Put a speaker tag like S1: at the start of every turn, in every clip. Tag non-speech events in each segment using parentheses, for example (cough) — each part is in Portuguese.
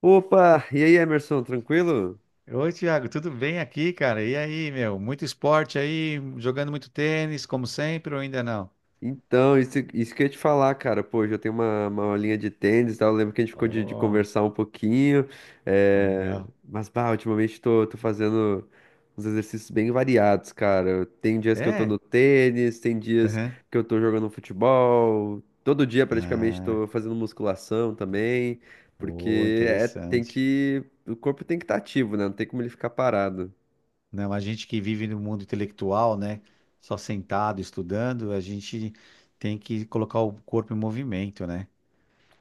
S1: Opa! E aí, Emerson, tranquilo?
S2: Oi, Thiago, tudo bem aqui, cara? E aí, meu? Muito esporte aí, jogando muito tênis, como sempre, ou ainda não?
S1: Então, isso que eu ia te falar, cara. Pô, hoje eu tenho uma aulinha de tênis, e tal. Eu lembro que a gente ficou de
S2: Oh,
S1: conversar um pouquinho.
S2: legal.
S1: Mas, bah, ultimamente tô fazendo uns exercícios bem variados, cara. Tem dias que eu tô
S2: É?
S1: no tênis, tem dias
S2: Aham.
S1: que eu tô jogando futebol. Todo dia, praticamente,
S2: Ah,
S1: tô fazendo musculação também.
S2: oh,
S1: Porque é, tem
S2: interessante.
S1: que... O corpo tem que estar ativo, né? Não tem como ele ficar parado.
S2: Não, a gente que vive no mundo intelectual, né? Só sentado, estudando, a gente tem que colocar o corpo em movimento, né?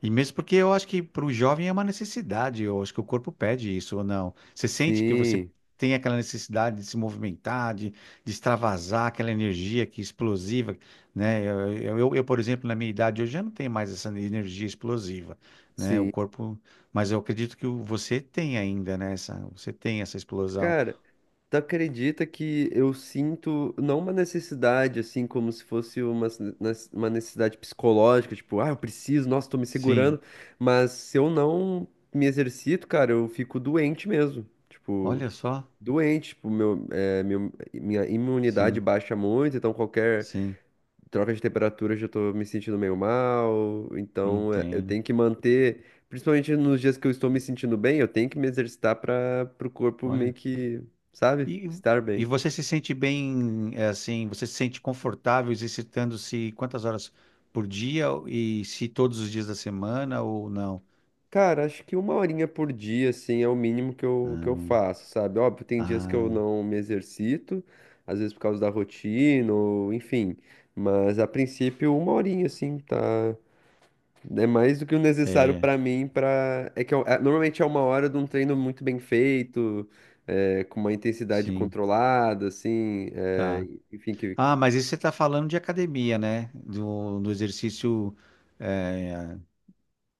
S2: E mesmo porque eu acho que para o jovem é uma necessidade, eu acho que o corpo pede isso ou não. Você sente que você
S1: Sim,
S2: tem aquela necessidade de se movimentar, de extravasar aquela energia que é explosiva, né? Eu, por exemplo, na minha idade hoje já não tenho mais essa energia explosiva, né? O
S1: sim.
S2: corpo, mas eu acredito que você tem ainda, né? Você tem essa explosão.
S1: Cara, tu acredita que eu sinto não uma necessidade, assim, como se fosse uma, uma necessidade psicológica, tipo, ah, eu preciso, nossa, tô me
S2: Sim,
S1: segurando, mas se eu não me exercito, cara, eu fico doente mesmo, tipo,
S2: olha só.
S1: doente, tipo, meu, minha imunidade
S2: Sim,
S1: baixa muito, então qualquer
S2: sim,
S1: troca de temperatura, eu já tô me sentindo meio mal. Então, é, eu
S2: entendo.
S1: tenho que manter, principalmente nos dias que eu estou me sentindo bem, eu tenho que me exercitar para o corpo meio
S2: Olha.
S1: que, sabe,
S2: E,
S1: estar
S2: e
S1: bem.
S2: você se sente bem, é, assim, você se sente confortável exercitando-se quantas horas por dia e se todos os dias da semana ou não?
S1: Cara, acho que uma horinha por dia, assim, é o mínimo que eu que eu
S2: Ah,
S1: faço, sabe? Óbvio, tem dias que eu
S2: ah,
S1: não me exercito, às vezes por causa da rotina, ou enfim. Mas a princípio, uma horinha, assim, tá. É mais do que o necessário
S2: é,
S1: pra mim para normalmente é uma hora de um treino muito bem feito, é, com uma intensidade
S2: sim,
S1: controlada, assim, é,
S2: tá.
S1: enfim, que
S2: Ah, mas isso você está falando de academia, né? Do exercício, é,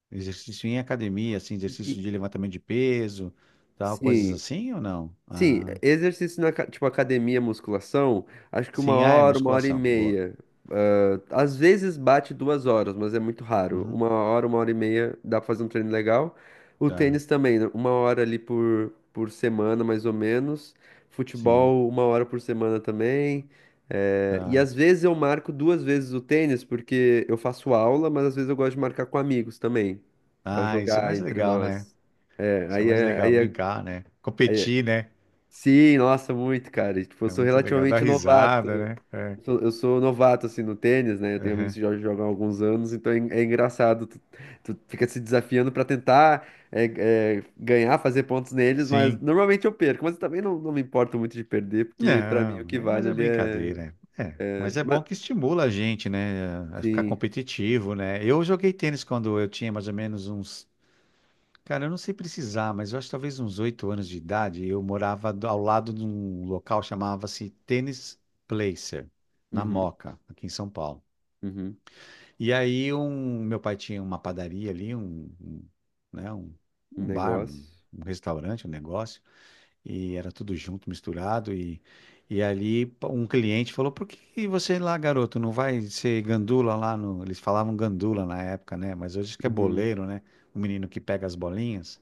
S2: exercício em academia, assim,
S1: e-
S2: exercício de levantamento de peso, tal, coisas
S1: sim,
S2: assim ou não?
S1: sim,
S2: Ah,
S1: exercício na tipo academia, musculação, acho que
S2: sim, ah, é
S1: uma hora e
S2: musculação, boa.
S1: meia. Às vezes bate duas horas, mas é muito raro.
S2: Uhum,
S1: Uma hora e meia, dá pra fazer um treino legal. O
S2: tá,
S1: tênis também, né? Uma hora ali por semana, mais ou menos.
S2: sim,
S1: Futebol, uma hora por semana também. É, e
S2: tá.
S1: às vezes eu marco duas vezes o tênis, porque eu faço aula, mas às vezes eu gosto de marcar com amigos também, pra
S2: Ah, isso é
S1: jogar
S2: mais
S1: entre
S2: legal, né?
S1: nós. É,
S2: Isso é
S1: aí
S2: mais
S1: é,
S2: legal,
S1: aí é...
S2: brincar, né? Competir, né?
S1: Sim, nossa, muito, cara. E, tipo, eu
S2: É
S1: sou
S2: muito legal, dar
S1: relativamente novato.
S2: risada, né?
S1: Eu sou novato, assim, no tênis, né? Eu tenho amigos
S2: Aham.
S1: que já jogam há alguns anos, então é, é engraçado. Tu fica se desafiando pra tentar ganhar, fazer pontos neles, mas
S2: Sim.
S1: normalmente eu perco. Mas eu também não me importo muito de perder, porque pra mim o
S2: Não,
S1: que
S2: é, mas
S1: vale
S2: é
S1: ali é...
S2: brincadeira. É, mas é
S1: Mas,
S2: bom que estimula a gente, né? A ficar
S1: sim.
S2: competitivo, né? Eu joguei tênis quando eu tinha mais ou menos uns. Cara, eu não sei precisar, mas eu acho que talvez uns 8 anos de idade. Eu morava ao lado de um local chamava-se Tênis Placer, na
S1: Uhum,
S2: Moca, aqui em São Paulo.
S1: uhum.
S2: E aí meu pai tinha uma padaria ali, um, né, um,
S1: Um
S2: um bar, um,
S1: negócio.
S2: um restaurante, um negócio, e era tudo junto, misturado, e ali um cliente falou, por que que você lá, garoto, não vai ser gandula lá no... Eles falavam gandula na época, né? Mas hoje que é
S1: Uhum.
S2: boleiro, né? O menino que pega as bolinhas.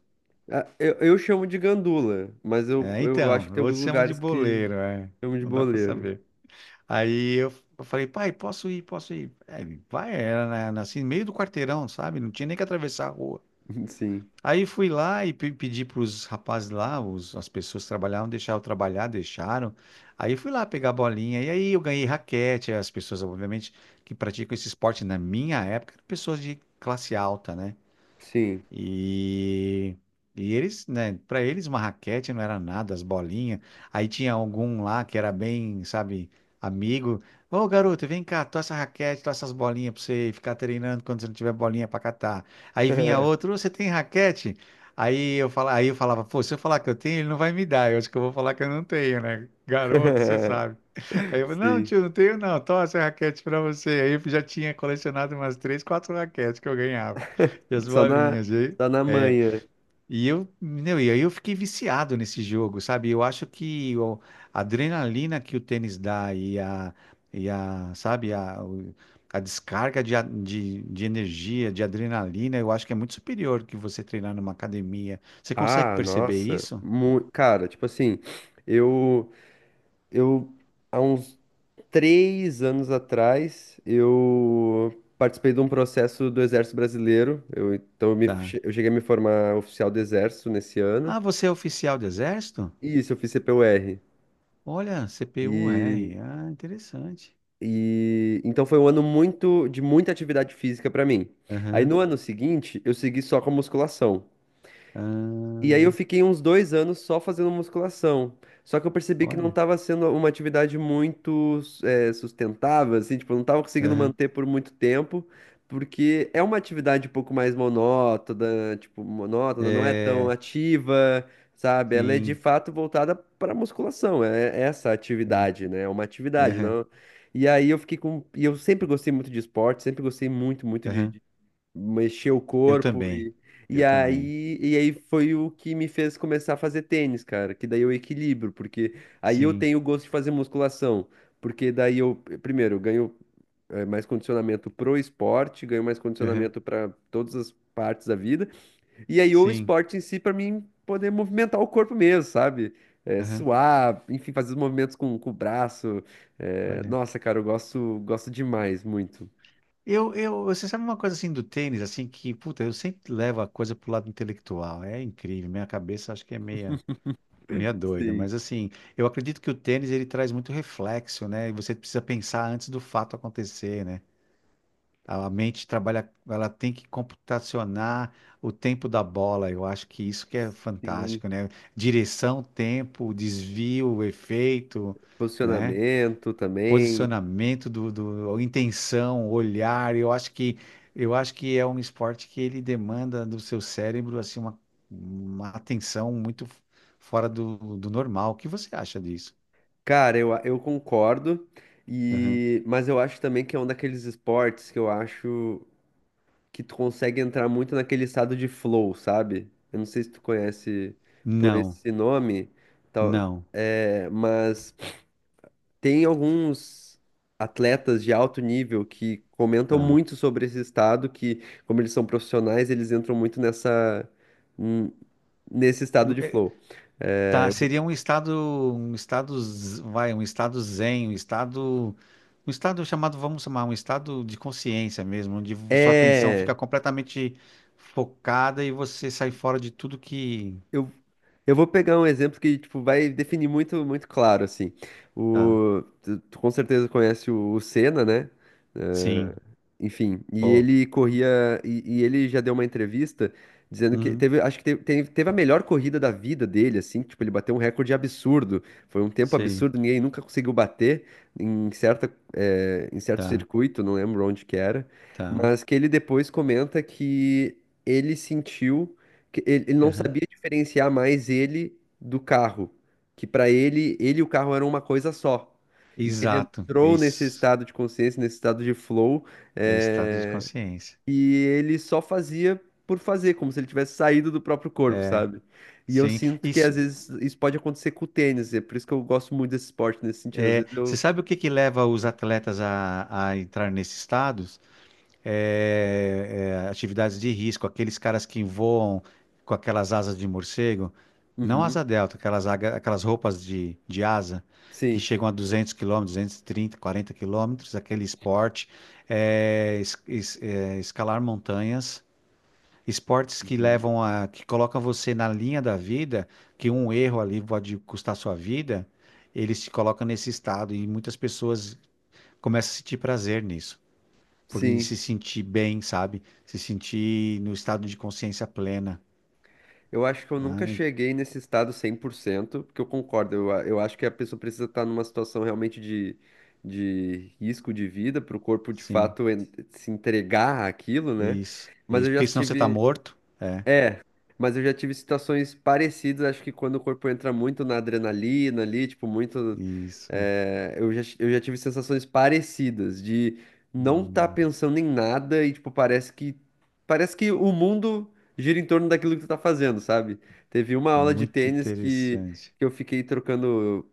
S1: Ah, eu chamo de gandula, mas
S2: É,
S1: eu acho
S2: então,
S1: que tem alguns
S2: outros chamam de
S1: lugares que
S2: boleiro, é.
S1: chamam de
S2: Não dá pra
S1: boleiro.
S2: saber. Aí eu falei, pai, posso ir, posso ir. É, ele, vai, era assim, meio do quarteirão, sabe? Não tinha nem que atravessar a rua.
S1: (laughs) Sim,
S2: Aí fui lá e pedi para os rapazes lá, as pessoas que trabalhavam, deixaram eu trabalhar, deixaram. Aí fui lá pegar a bolinha, e aí eu ganhei raquete. As pessoas, obviamente, que praticam esse esporte na minha época, eram pessoas de classe alta, né?
S1: sim.
S2: E, e eles, né, para eles uma raquete não era nada, as bolinhas. Aí tinha algum lá que era bem, sabe, amigo. Ô, garoto, vem cá, tô essa raquete, tô essas bolinhas pra você ficar treinando quando você não tiver bolinha pra catar. Aí vinha outro, "Ô, você tem raquete? Aí eu falava, pô, se eu falar que eu tenho, ele não vai me dar. Eu acho que eu vou falar que eu não tenho, né? Garoto, você
S1: (laughs)
S2: sabe. Aí eu falei, não,
S1: Sim.
S2: tio, não tenho não, toma essa raquete pra você. Aí eu já tinha colecionado umas três, quatro raquetes que eu ganhava.
S1: (laughs)
S2: E as
S1: Só na,
S2: bolinhas,
S1: só na
S2: é,
S1: manhã.
S2: e aí eu fiquei viciado nesse jogo, sabe? Eu acho que a adrenalina que o tênis dá sabe, a descarga de energia, de adrenalina, eu acho que é muito superior que você treinar numa academia. Você consegue
S1: Ah,
S2: perceber
S1: nossa.
S2: isso?
S1: Cara, tipo assim, eu, eu, há uns três anos atrás, eu participei de um processo do Exército Brasileiro. Eu, então,
S2: Tá.
S1: eu cheguei a me formar oficial do Exército nesse ano.
S2: Ah, você é oficial do exército?
S1: E isso, eu fiz CPUR.
S2: Olha, CPU-R.
S1: E,
S2: Ah, interessante.
S1: e então foi um ano muito de muita atividade física pra mim. Aí
S2: Aham.
S1: no ano seguinte, eu segui só com a musculação. E aí
S2: Ah,
S1: eu fiquei uns dois anos só fazendo musculação. Só que eu percebi que não
S2: olha.
S1: estava sendo uma atividade muito sustentável, assim, tipo, eu não estava conseguindo
S2: Aham.
S1: manter por muito tempo, porque é uma atividade um pouco mais monótona, tipo, monótona, não é tão
S2: É,
S1: ativa, sabe? Ela é de
S2: sim.
S1: fato voltada para musculação, é essa
S2: É,
S1: atividade, né? É uma atividade,
S2: aham,
S1: não. E aí eu fiquei com. E eu sempre gostei muito de esporte, sempre gostei muito, muito
S2: aham.
S1: de mexer o
S2: Eu
S1: corpo
S2: também.
S1: e
S2: Eu também.
S1: aí e aí foi o que me fez começar a fazer tênis, cara, que daí eu equilibro, porque aí eu
S2: Sim.
S1: tenho o gosto de fazer musculação, porque daí eu primeiro eu ganho mais condicionamento pro esporte, ganho mais
S2: Aham.
S1: condicionamento para todas as partes da vida, e aí o
S2: Sim.
S1: esporte em si para mim poder movimentar o corpo mesmo, sabe? Eh,
S2: Aham.
S1: suar, enfim, fazer os movimentos com o braço.
S2: Olha.
S1: Nossa, cara, eu gosto, gosto demais, muito.
S2: Eu, você sabe uma coisa assim do tênis, assim, que, puta, eu sempre levo a coisa pro lado intelectual. É incrível. Minha cabeça acho que é meia, meia doida.
S1: Sim.
S2: Mas assim, eu acredito que o tênis ele traz muito reflexo, né? E você precisa pensar antes do fato acontecer, né? A mente trabalha, ela tem que computacionar o tempo da bola. Eu acho que isso que é
S1: Sim.
S2: fantástico, né? Direção, tempo, desvio, efeito, né?
S1: Posicionamento também.
S2: Posicionamento do, intenção, olhar. Eu acho que é um esporte que ele demanda do seu cérebro assim uma atenção muito fora do normal. O que você acha disso?
S1: Cara, eu concordo,
S2: Aham.
S1: e mas eu acho também que é um daqueles esportes que eu acho que tu consegue entrar muito naquele estado de flow, sabe? Eu não sei se tu conhece por
S2: Não,
S1: esse nome, tal,
S2: não,
S1: é, mas tem alguns atletas de alto nível que comentam
S2: tá.
S1: muito sobre esse estado, que como eles são profissionais, eles entram muito nessa, n- nesse estado de flow.
S2: Tá,
S1: É,
S2: seria um estado zen, um estado chamado, vamos chamar, um estado de consciência mesmo, onde sua atenção fica
S1: é,
S2: completamente focada e você sai fora de tudo que,
S1: Eu, eu vou pegar um exemplo que, tipo, vai definir muito, muito claro, assim.
S2: tá,
S1: O, tu com certeza conhece o Senna, né? Eh,
S2: sim,
S1: Enfim, e
S2: pô,
S1: ele corria, e ele já deu uma entrevista dizendo que
S2: uhum,
S1: teve, acho que teve a melhor corrida da vida dele, assim, tipo, ele bateu um recorde absurdo, foi um tempo
S2: sei,
S1: absurdo, ninguém nunca conseguiu bater em certa, em certo
S2: tá,
S1: circuito, não lembro onde que era,
S2: tá,
S1: mas que ele depois comenta que ele sentiu que ele não
S2: aham.
S1: sabia diferenciar mais ele do carro, que para ele, ele e o carro eram uma coisa só. E que ele
S2: Exato,
S1: entrou nesse
S2: isso,
S1: estado de consciência, nesse estado de flow,
S2: é estado de
S1: eh,
S2: consciência,
S1: e ele só fazia por fazer, como se ele tivesse saído do próprio corpo,
S2: é,
S1: sabe? E eu
S2: sim,
S1: sinto que às
S2: isso,
S1: vezes isso pode acontecer com o tênis, é por isso que eu gosto muito desse esporte nesse sentido. Às vezes
S2: você
S1: eu.
S2: sabe o que que leva os atletas a entrar nesse estado? Atividades de risco, aqueles caras que voam com aquelas asas de morcego, não
S1: Uhum,
S2: asa delta, aquelas roupas de asa que
S1: sim.
S2: chegam a 200 quilômetros, 230, 40 quilômetros, aquele esporte, escalar montanhas, esportes que
S1: Uhum,
S2: levam a, que colocam você na linha da vida, que um erro ali pode custar sua vida, eles te colocam nesse estado e muitas pessoas começam a sentir prazer nisso. Porque
S1: sim.
S2: se sentir bem, sabe? Se sentir no estado de consciência plena.
S1: Eu acho que eu nunca
S2: Ai,
S1: cheguei nesse estado 100%, porque eu concordo, eu acho que a pessoa precisa estar numa situação realmente de risco de vida para o corpo de
S2: sim,
S1: fato se entregar àquilo, né?
S2: isso,
S1: Mas
S2: isso.
S1: eu já
S2: Porque senão você tá
S1: tive,
S2: morto. É,
S1: é, mas eu já tive situações parecidas, acho que quando o corpo entra muito na adrenalina ali, tipo, muito.
S2: isso.
S1: Eu já tive sensações parecidas de não estar
S2: Hum,
S1: pensando em nada e, tipo, parece que. Parece que o mundo gira em torno daquilo que tu tá fazendo, sabe? Teve uma aula de
S2: muito
S1: tênis
S2: interessante.
S1: que eu fiquei trocando.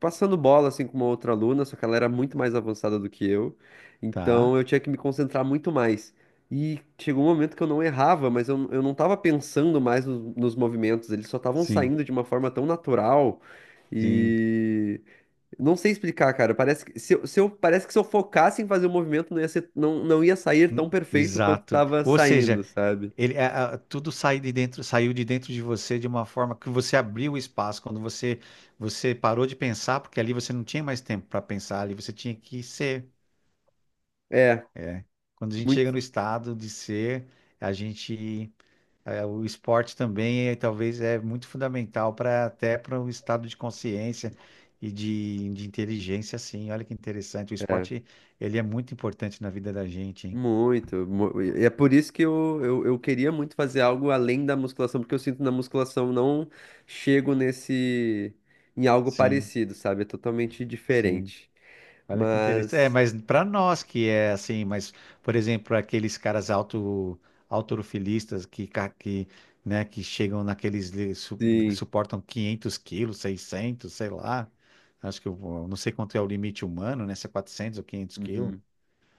S1: Passando bola assim com uma outra aluna, só que ela era muito mais avançada do que eu,
S2: Tá?
S1: então eu tinha que me concentrar muito mais. E chegou um momento que eu não errava, mas eu não estava pensando mais nos, nos movimentos, eles só estavam
S2: Sim,
S1: saindo de uma forma tão natural.
S2: sim.
S1: E não sei explicar, cara. Parece que se, eu, se eu- parece que se eu focasse em fazer o movimento, não ia sair tão perfeito quanto
S2: Exato.
S1: estava
S2: Ou
S1: saindo,
S2: seja,
S1: sabe?
S2: tudo sai de dentro, saiu de dentro de você de uma forma que você abriu o espaço. Quando você parou de pensar, porque ali você não tinha mais tempo para pensar, ali você tinha que ser.
S1: É,
S2: Quando a gente
S1: muito,
S2: chega no estado de ser, a gente. É, o esporte também é, talvez é muito fundamental para até para o estado de consciência e de inteligência, assim. Olha que interessante. O
S1: é,
S2: esporte ele é muito importante na vida da gente, hein?
S1: muito. E é por isso que eu queria muito fazer algo além da musculação, porque eu sinto na musculação não chego nesse em algo
S2: Sim,
S1: parecido, sabe? É totalmente
S2: sim.
S1: diferente.
S2: Olha que interessante. É,
S1: Mas,
S2: mas para nós que é assim, mas por exemplo aqueles caras autorofilistas que chegam naqueles que
S1: sim.
S2: suportam 500 quilos, 600 sei lá. Acho que não sei quanto é o limite humano, né? Se é 400 ou 500 quilos.
S1: Uhum.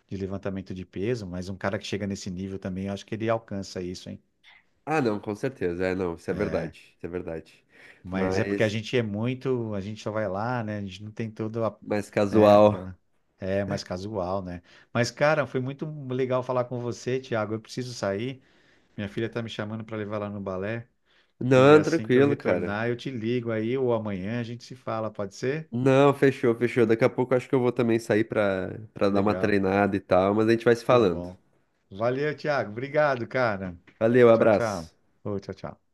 S2: De levantamento de peso, mas um cara que chega nesse nível também, eu acho que ele alcança isso, hein?
S1: Ah, não, com certeza. É, não, isso é
S2: É,
S1: verdade. Isso é verdade.
S2: mas é porque a
S1: Mas,
S2: gente é muito, a gente só vai lá, né? A gente não tem todo a,
S1: mais
S2: né,
S1: casual.
S2: aquela é mais casual, né? Mas cara, foi muito legal falar com você, Thiago. Eu preciso sair. Minha filha tá me chamando para levar lá no balé e
S1: Não,
S2: assim que eu
S1: tranquilo, cara.
S2: retornar, eu te ligo aí ou amanhã a gente se fala, pode ser?
S1: Não, fechou, fechou. Daqui a pouco eu acho que eu vou também sair pra dar uma
S2: Legal.
S1: treinada e tal, mas a gente vai se
S2: Muito
S1: falando.
S2: bom. Valeu, Thiago. Obrigado, cara.
S1: Valeu,
S2: Tchau, tchau.
S1: abraço.
S2: Ô, tchau, tchau.